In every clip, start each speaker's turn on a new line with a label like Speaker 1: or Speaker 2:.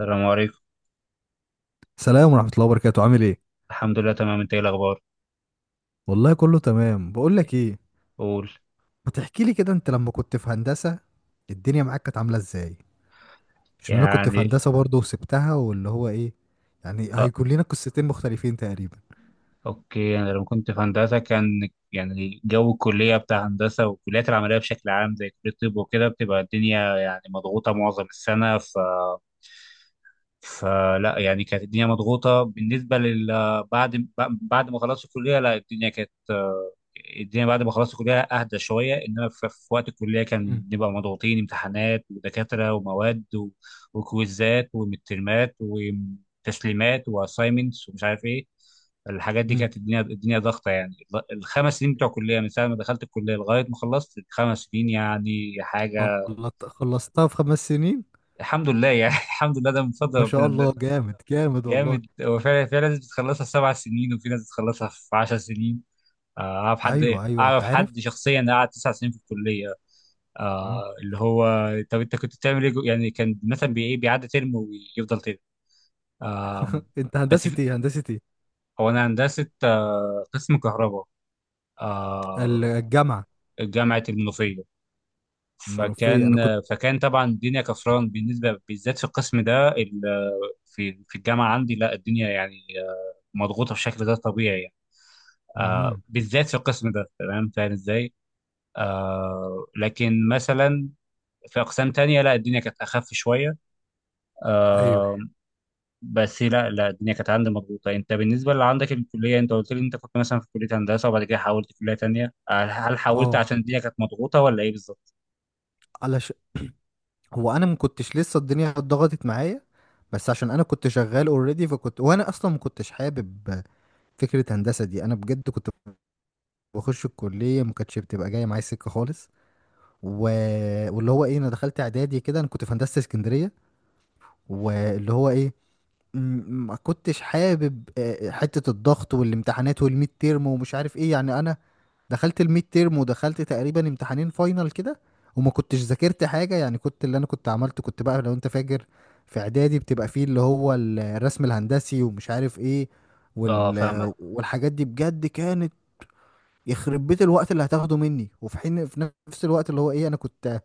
Speaker 1: السلام عليكم.
Speaker 2: سلام ورحمة الله وبركاته، عامل ايه؟
Speaker 1: الحمد لله تمام، انت ايه الاخبار؟
Speaker 2: والله كله تمام. بقول لك ايه،
Speaker 1: قول.
Speaker 2: ما تحكي لي كده انت لما كنت في هندسة الدنيا معاك كانت عاملة ازاي؟ عشان انا كنت في
Speaker 1: يعني
Speaker 2: هندسة برضه وسبتها، واللي هو ايه، يعني
Speaker 1: اه
Speaker 2: هيكون لنا قصتين مختلفين تقريبا.
Speaker 1: اوكي. انا لما كنت في هندسه كان يعني جو الكليه بتاع هندسه والكليات العمليه بشكل عام زي كليه الطب وكده بتبقى الدنيا يعني مضغوطه معظم السنه. فلا يعني كانت الدنيا مضغوطة بالنسبة لل، بعد بعد ما خلصت الكلية، لا الدنيا كانت الدنيا بعد ما خلصت الكلية أهدى شوية، إنما في وقت الكلية كان
Speaker 2: مم.
Speaker 1: بنبقى مضغوطين، امتحانات ودكاترة ومواد و- وكويزات ومترمات وتسليمات وأسايمنتس ومش عارف إيه. الحاجات دي
Speaker 2: مم.
Speaker 1: كانت الدنيا ضغطة يعني. ال5 سنين بتوع الكلية من ساعة ما دخلت الكلية لغاية ما خلصت ال5 سنين يعني حاجة.
Speaker 2: خلصتها في 5 سنين.
Speaker 1: الحمد لله يعني الحمد لله، ده من فضل
Speaker 2: ما شاء
Speaker 1: ربنا.
Speaker 2: الله، جامد جامد والله.
Speaker 1: جامد، هو فعلا في ناس بتخلصها في 7 سنين وفي ناس بتخلصها في 10 سنين. آه، أعرف حد
Speaker 2: ايوه ايوه، انت
Speaker 1: أعرف
Speaker 2: عارف.
Speaker 1: حد شخصيا قعد 9 سنين في الكلية.
Speaker 2: مم.
Speaker 1: آه، اللي هو. طب أنت كنت بتعمل إيه جو- يعني كان مثلا بي- إيه، بيعدي ترم ويفضل ترم، آه
Speaker 2: انت
Speaker 1: بس
Speaker 2: هندسة
Speaker 1: في-،
Speaker 2: ايه، هندسة ايه؟
Speaker 1: هو أنا هندسة، قسم كهرباء، آه
Speaker 2: الجامعة
Speaker 1: جامعة المنوفية.
Speaker 2: المنوفية، انا
Speaker 1: فكان
Speaker 2: كنت.
Speaker 1: آه، فكان طبعا الدنيا كفران بالنسبة بالذات في القسم ده ال-، في الجامعة عندي، لا الدنيا يعني مضغوطة بشكل غير طبيعي يعني.
Speaker 2: مم.
Speaker 1: بالذات في القسم ده، تمام، فاهم ازاي. لكن مثلا في اقسام تانية لا الدنيا كانت اخف شويه.
Speaker 2: ايوه.
Speaker 1: آه بس لا لا الدنيا كانت عندي مضغوطه. انت بالنسبه اللي عندك الكليه، انت قلت لي انت كنت مثلا في كليه هندسه وبعد كده حولت كليه تانية، هل حولت
Speaker 2: اه،
Speaker 1: عشان الدنيا كانت مضغوطه ولا ايه بالظبط؟
Speaker 2: هو انا ما كنتش لسه الدنيا اتضغطت معايا، بس عشان انا كنت شغال اوريدي، فكنت وانا اصلا ما كنتش حابب فكره هندسه دي. انا بجد كنت بخش الكليه ما كانتش بتبقى جايه معايا سكه خالص. و... واللي هو ايه، انا دخلت اعدادي كده، انا كنت في هندسه اسكندريه، واللي هو ايه، ما كنتش حابب حتة الضغط والامتحانات والميد تيرم ومش عارف ايه. يعني انا دخلت الميد تيرم ودخلت تقريبا امتحانين فاينل كده، وما كنتش ذاكرت حاجة. يعني كنت، اللي انا كنت عملته كنت بقى، لو انت فاكر، في اعدادي بتبقى فيه اللي هو الرسم الهندسي ومش عارف ايه،
Speaker 1: اه، فاهمك.
Speaker 2: وال والحاجات دي، بجد كانت يخرب بيت الوقت اللي هتاخده مني، وفي حين في نفس الوقت، اللي هو ايه، انا كنت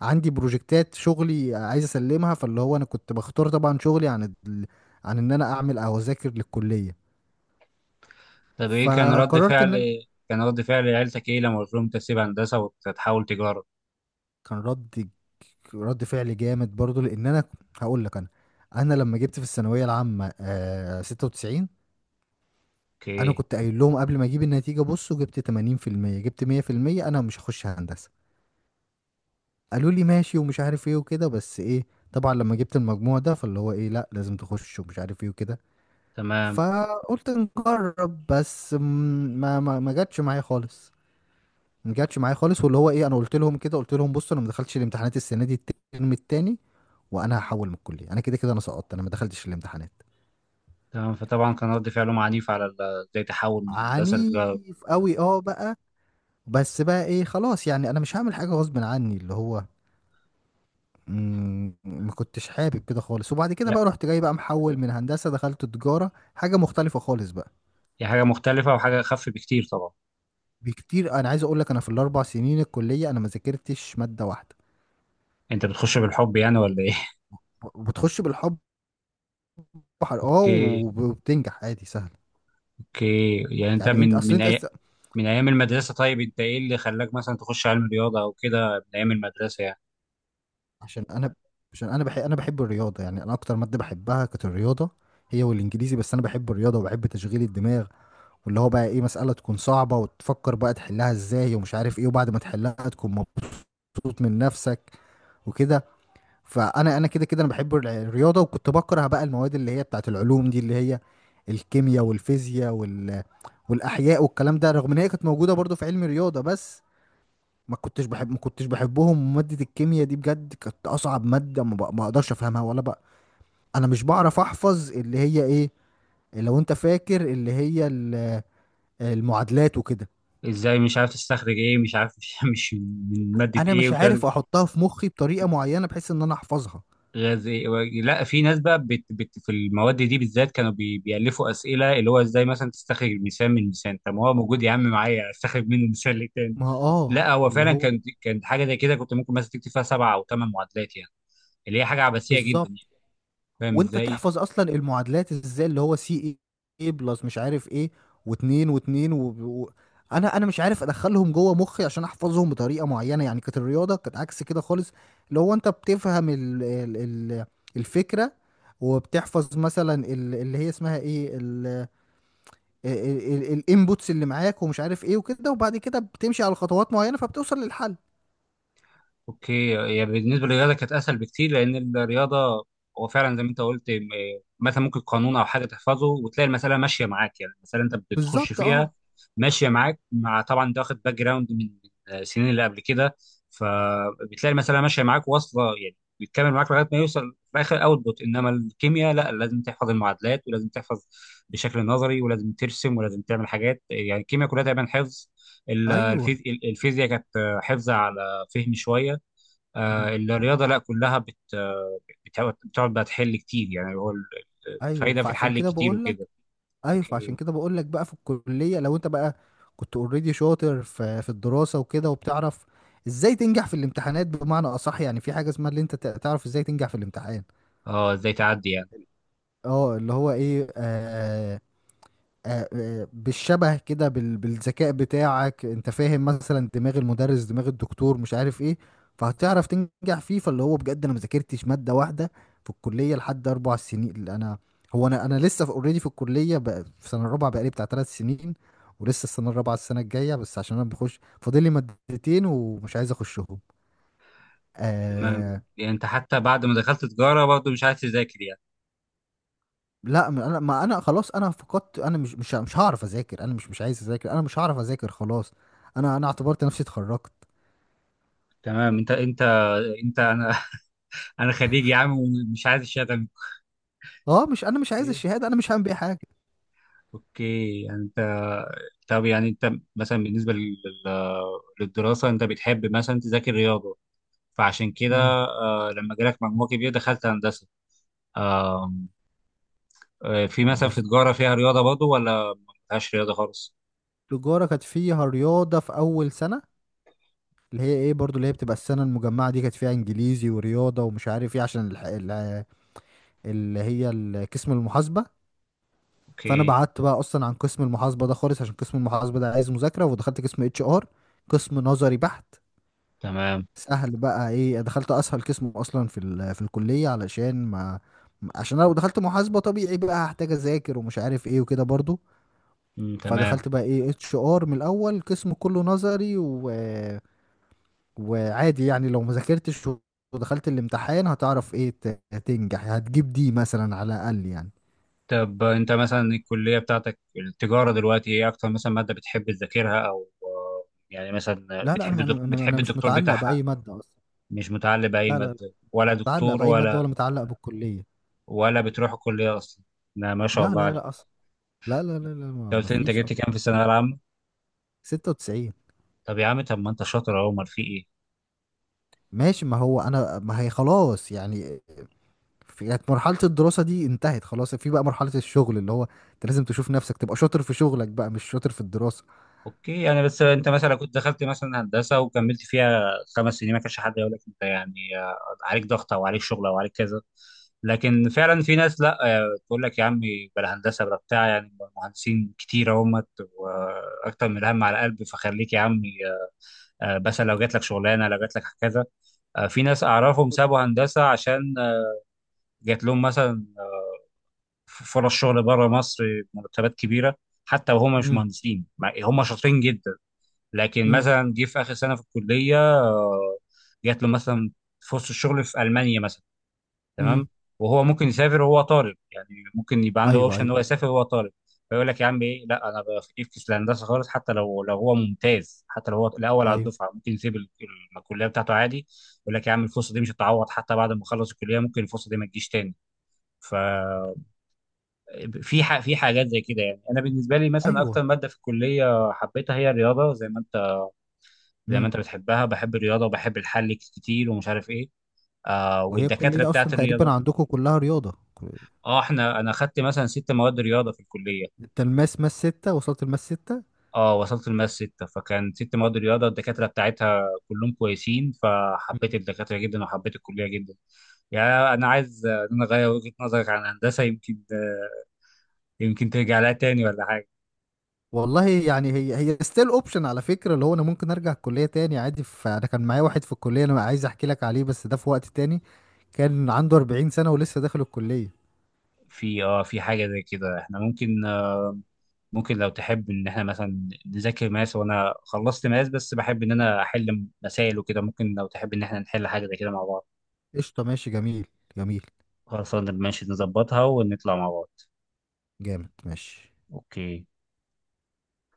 Speaker 2: عندي بروجكتات شغلي عايز اسلمها، فاللي هو انا كنت بختار طبعا شغلي عن عن ان انا اعمل او اذاكر للكليه،
Speaker 1: طب ايه كان رد
Speaker 2: فقررت ان
Speaker 1: فعل،
Speaker 2: انا.
Speaker 1: كان رد فعل عيلتك ايه لما قلت لهم انت تسيب هندسه وتحول تجاره؟
Speaker 2: كان رد فعل جامد برضو، لان انا هقول لك. انا لما جبت في الثانويه العامه 96، انا
Speaker 1: اوكي.
Speaker 2: كنت قايل لهم قبل ما اجيب النتيجه، بصوا، جبت 80%، جبت 100%، انا مش هخش هندسه. قالوا لي ماشي ومش عارف ايه وكده، بس ايه، طبعا لما جبت المجموع ده، فاللي هو ايه، لا لازم تخش ومش عارف ايه وكده.
Speaker 1: تمام،
Speaker 2: فقلت نجرب، بس ما جاتش معايا خالص، ما جاتش معايا خالص. واللي هو ايه، انا قلت لهم كده، قلت لهم بصوا انا ما دخلتش الامتحانات السنه دي الترم التاني، وانا هحول من الكليه. انا كده كده انا سقطت، انا ما دخلتش الامتحانات.
Speaker 1: تمام، فطبعا كان رد فعلهم عنيف على ال-، ازاي تحول من هندسه لتجاره؟
Speaker 2: عنيف قوي، اه، بقى. بس بقى ايه، خلاص، يعني انا مش هعمل حاجه غصب عني، اللي هو، ما كنتش حابب كده خالص. وبعد كده بقى رحت جاي بقى محول من هندسه، دخلت تجاره، حاجه مختلفه خالص بقى.
Speaker 1: هي حاجة مختلفة وحاجة أخف بكتير طبعا.
Speaker 2: بكتير، انا عايز اقول لك انا في الاربع سنين الكليه، انا ما ذاكرتش ماده واحده.
Speaker 1: أنت بتخش بالحب يعني ولا إيه؟
Speaker 2: وبتخش بالحب، اه،
Speaker 1: أوكي،
Speaker 2: وبتنجح عادي سهل.
Speaker 1: أوكي، يعني أنت
Speaker 2: يعني انت
Speaker 1: من
Speaker 2: اصل
Speaker 1: من
Speaker 2: انت،
Speaker 1: أي... من أيام المدرسة، طيب أنت إيه اللي خلاك مثلا تخش علم رياضة أو كده من أيام المدرسة يعني؟
Speaker 2: عشان انا عشان انا بحب الرياضه. يعني انا اكتر ماده بحبها كانت الرياضه، هي والانجليزي. بس انا بحب الرياضه وبحب تشغيل الدماغ، واللي هو بقى ايه، مساله تكون صعبه وتفكر بقى تحلها ازاي ومش عارف ايه، وبعد ما تحلها تكون مبسوط من نفسك وكده. فانا كده كده انا بحب الرياضه، وكنت بكره بقى المواد اللي هي بتاعت العلوم دي، اللي هي الكيمياء والفيزياء والاحياء والكلام ده، رغم ان هي كانت موجوده برضو في علم الرياضه، بس ما كنتش بحب، ما كنتش بحبهم. وماده الكيمياء دي بجد كانت اصعب ماده، ما اقدرش افهمها ولا بقى. انا مش بعرف احفظ اللي هي ايه، لو انت فاكر، اللي هي المعادلات وكده.
Speaker 1: إزاي مش عارف تستخرج إيه مش عارف مش من مادة
Speaker 2: انا
Speaker 1: إيه
Speaker 2: مش
Speaker 1: وكده.
Speaker 2: عارف احطها في مخي بطريقه معينه بحيث ان انا احفظها.
Speaker 1: غاز إيه و... لا، في ناس بقى بت... بت... في المواد دي بالذات كانوا بي... بيألفوا أسئلة، اللي هو إزاي مثلا تستخرج المثال من المثال؟ طب ما هو موجود يا عم معايا أستخرج منه مثال للتاني.
Speaker 2: ما، اه،
Speaker 1: لا، هو
Speaker 2: اللي
Speaker 1: فعلا
Speaker 2: هو،
Speaker 1: كان حاجة زي كده، كنت ممكن مثلا تكتب فيها سبعة أو ثمان معادلات يعني. اللي هي حاجه عبثيه جدا
Speaker 2: بالظبط.
Speaker 1: يعني، فاهم
Speaker 2: وانت
Speaker 1: ازاي.
Speaker 2: تحفظ اصلا المعادلات ازاي، اللي هو سي اي بلس مش عارف ايه، واتنين واتنين و... انا مش عارف ادخلهم جوه مخي عشان احفظهم بطريقه معينه. يعني كانت الرياضه كانت عكس كده خالص، اللي هو انت بتفهم الفكره، وبتحفظ مثلا اللي هي اسمها ايه، الانبوتس اللي معاك ومش عارف ايه وكده، وبعد كده بتمشي على خطوات معينه فبتوصل للحل.
Speaker 1: اوكي، هي بالنسبه للرياضه كانت اسهل بكتير، لان الرياضه هو فعلا زي ما انت قلت م- مثلا ممكن قانون او حاجه تحفظه وتلاقي المساله ماشيه معاك، يعني المساله انت بتخش
Speaker 2: بالظبط. اه.
Speaker 1: فيها ماشيه معاك، مع طبعا انت واخد باك جراوند من السنين اللي قبل كده، فبتلاقي المساله ماشيه معاك واصله يعني بيتكمل معاك لغايه ما يوصل في اخر اوتبوت. انما الكيمياء لا، لازم تحفظ المعادلات ولازم تحفظ بشكل نظري ولازم ترسم ولازم تعمل حاجات، يعني الكيمياء كلها تقريبا حفظ. ال-
Speaker 2: ايوه.
Speaker 1: الفيز-، الفيزياء كانت حفظ على فهم شويه.
Speaker 2: مم.
Speaker 1: الرياضه لا كلها بت، بتقعد بقى تحل كتير، يعني هو ال-
Speaker 2: ايوه،
Speaker 1: الفايده في
Speaker 2: فعشان
Speaker 1: الحل
Speaker 2: كده
Speaker 1: كتير
Speaker 2: بقول لك.
Speaker 1: وكده.
Speaker 2: ايوه، فعشان
Speaker 1: اوكي،
Speaker 2: كده بقول لك، بقى في الكليه لو انت بقى كنت اوريدي شاطر في الدراسه وكده، وبتعرف ازاي تنجح في الامتحانات، بمعنى اصح يعني في حاجه اسمها اللي انت تعرف ازاي تنجح في الامتحان.
Speaker 1: اه، ازاي تعدي يعني.
Speaker 2: اه، اللي هو ايه، بالشبه كده، بالذكاء بتاعك، انت فاهم مثلا دماغ المدرس، دماغ الدكتور، مش عارف ايه، فهتعرف تنجح فيه. فاللي هو بجد انا مذاكرتش مادة واحدة في الكلية لحد 4 سنين. اللي انا هو انا لسه اوريدي في already في الكلية، بقى في سنة الرابعة بقالي بتاع 3 سنين، ولسه السنة الرابعة السنة الجاية، بس عشان انا بخش فاضل لي مادتين ومش عايز اخشهم.
Speaker 1: تمام،
Speaker 2: آه.
Speaker 1: يعني انت حتى بعد ما دخلت تجاره برضه مش عايز تذاكر يعني.
Speaker 2: لا، ما انا خلاص، انا فقدت، انا مش هعرف اذاكر، انا مش عايز اذاكر، انا مش هعرف اذاكر خلاص. انا اعتبرت نفسي اتخرجت.
Speaker 1: تمام، انت انا انا خريج يا عم ومش عايز الشهاده.
Speaker 2: اه، مش، انا مش عايز
Speaker 1: اوكي،
Speaker 2: الشهاده، انا مش هعمل بيها حاجه.
Speaker 1: اوكي، يعني انت، طب يعني انت مثلا بالنسبه لل- للدراسه انت بتحب مثلا تذاكر رياضه فعشان كده
Speaker 2: امم.
Speaker 1: لما جالك مجموع كبير دخلت هندسه، في مثلا في
Speaker 2: بالظبط.
Speaker 1: تجارة فيها رياضة برضه ولا ما فيهاش رياضة خالص؟
Speaker 2: التجاره كانت فيها رياضه في اول سنه، اللي هي ايه برضو، اللي هي بتبقى السنه المجمعه دي كانت فيها انجليزي ورياضه ومش عارف ايه، عشان اللي هي قسم المحاسبه. فانا
Speaker 1: اوكي.
Speaker 2: بعدت بقى اصلا عن قسم المحاسبه ده خالص، عشان قسم المحاسبه ده عايز مذاكره، ودخلت قسم اتش ار، قسم نظري بحت،
Speaker 1: تمام.
Speaker 2: سهل. بقى ايه، دخلت اسهل قسم اصلا في في الكليه، علشان ما، عشان انا لو دخلت محاسبه طبيعي بقى هحتاج اذاكر ومش عارف ايه وكده برضو.
Speaker 1: مم، تمام.
Speaker 2: فدخلت بقى ايه اتش ار من الاول، قسم كله نظري، وعادي، يعني لو ما ذاكرتش ودخلت الامتحان هتعرف ايه، تنجح، هتجيب دي مثلا على الاقل يعني.
Speaker 1: طب انت مثلا الكلية بتاعتك التجارة دلوقتي ايه اكتر مثلا مادة بتحب تذاكرها او يعني مثلا
Speaker 2: لا لا،
Speaker 1: بتحب
Speaker 2: انا
Speaker 1: الدك...
Speaker 2: انا
Speaker 1: بتحب
Speaker 2: أنا مش
Speaker 1: الدكتور
Speaker 2: متعلق
Speaker 1: بتاعها؟
Speaker 2: باي ماده اصلا.
Speaker 1: مش متعلق بأي
Speaker 2: لا لا لا،
Speaker 1: مادة ولا
Speaker 2: متعلق
Speaker 1: دكتور
Speaker 2: باي ماده ولا
Speaker 1: ولا؟
Speaker 2: متعلق بالكليه.
Speaker 1: ولا بتروح الكلية اصلا؟ لا، ما شاء
Speaker 2: لا
Speaker 1: الله
Speaker 2: لا
Speaker 1: عليك.
Speaker 2: لا اصلا. لا لا لا لا،
Speaker 1: انت
Speaker 2: ما
Speaker 1: قلت لي انت
Speaker 2: فيش
Speaker 1: جبت
Speaker 2: أصلا.
Speaker 1: كام في الثانوية العامة؟
Speaker 2: 96.
Speaker 1: طب يا عم، طب ما انت شاطر اهو، امال في ايه؟
Speaker 2: ماشي، ما هو انا، ما هي خلاص يعني. كانت مرحله الدراسه دي انتهت خلاص. في بقى مرحله الشغل، اللي هو انت لازم تشوف نفسك تبقى شاطر في شغلك، بقى مش شاطر في الدراسه.
Speaker 1: اوكي، يعني بس انت مثلا كنت دخلت مثلا هندسه وكملت فيها خمس سنين، ما كانش حد يقول لك انت يعني عليك ضغط او عليك شغل او عليك كذا. لكن فعلا في ناس لا تقول لك يا عمي بلا هندسه بلا بتاع، يعني مهندسين كتير اهمت واكتر من الهم على قلبي، فخليك يا عمي، مثلا لو جات لك شغلانه لو جات لك كذا. في ناس اعرفهم سابوا هندسه عشان جات لهم مثلا فرص شغل بره مصر، مرتبات كبيره، حتى وهم مش مهندسين، مع- هم شاطرين جدا. لكن
Speaker 2: امم.
Speaker 1: مثلا جه في اخر سنه في الكليه جات له مثلا فرصه شغل في المانيا مثلا، تمام،
Speaker 2: امم.
Speaker 1: وهو ممكن يسافر وهو طالب يعني، ممكن يبقى عنده
Speaker 2: ايوه
Speaker 1: اوبشن ان
Speaker 2: ايوه.
Speaker 1: هو يسافر وهو طالب، فيقول لك يا عم ايه لا انا بفكس الهندسه خالص. حتى لو لو هو ممتاز حتى لو هو الاول على
Speaker 2: ايوه
Speaker 1: الدفعه ممكن يسيب ال- ال- الكليه بتاعته عادي. يقول لك يا عم الفرصه دي مش هتعوض، حتى بعد ما اخلص الكليه ممكن الفرصه دي ما تجيش تاني. ف في ح- في حاجات زي كده يعني. انا بالنسبه لي مثلا
Speaker 2: ايوه.
Speaker 1: اكتر ماده في الكليه حبيتها هي الرياضه زي ما
Speaker 2: امم.
Speaker 1: انت بتحبها، بحب الرياضه وبحب الحل كتير ومش عارف ايه.
Speaker 2: وهي
Speaker 1: والدكاتره
Speaker 2: الكليه اصلا
Speaker 1: بتاعت
Speaker 2: تقريبا
Speaker 1: الرياضه.
Speaker 2: عندكم كلها رياضه.
Speaker 1: اه، احنا انا خدت مثلا ست مواد رياضه في الكليه.
Speaker 2: انت ماس ستة، وصلت الماس ستة.
Speaker 1: اه، وصلت الماس سته، فكان ست مواد رياضه، الدكاتره بتاعتها كلهم كويسين،
Speaker 2: مم.
Speaker 1: فحبيت الدكاتره جدا وحبيت الكليه جدا. يعني انا عايز ان انا اغير وجهه نظرك عن هندسه، يمكن يمكن ترجع لها تاني ولا حاجه.
Speaker 2: والله يعني، هي هي ستيل اوبشن على فكره. اللي هو انا ممكن ارجع الكليه تاني عادي. انا كان معايا واحد في الكليه، انا عايز احكي لك عليه بس ده في وقت تاني. كان عنده 40 سنه ولسه داخل الكليه.
Speaker 1: في في حاجه زي كده احنا ممكن لو تحب ان احنا مثلا نذاكر ماس، وانا خلصت ماس بس بحب ان انا احل مسائل وكده، ممكن لو تحب ان احنا نحل حاجه زي كده مع بعض.
Speaker 2: قشطه، ماشي، جميل. جميل.
Speaker 1: خلاص، ماشي، نظبطها ونطلع مع بعض.
Speaker 2: جامد، ماشي.
Speaker 1: اوكي.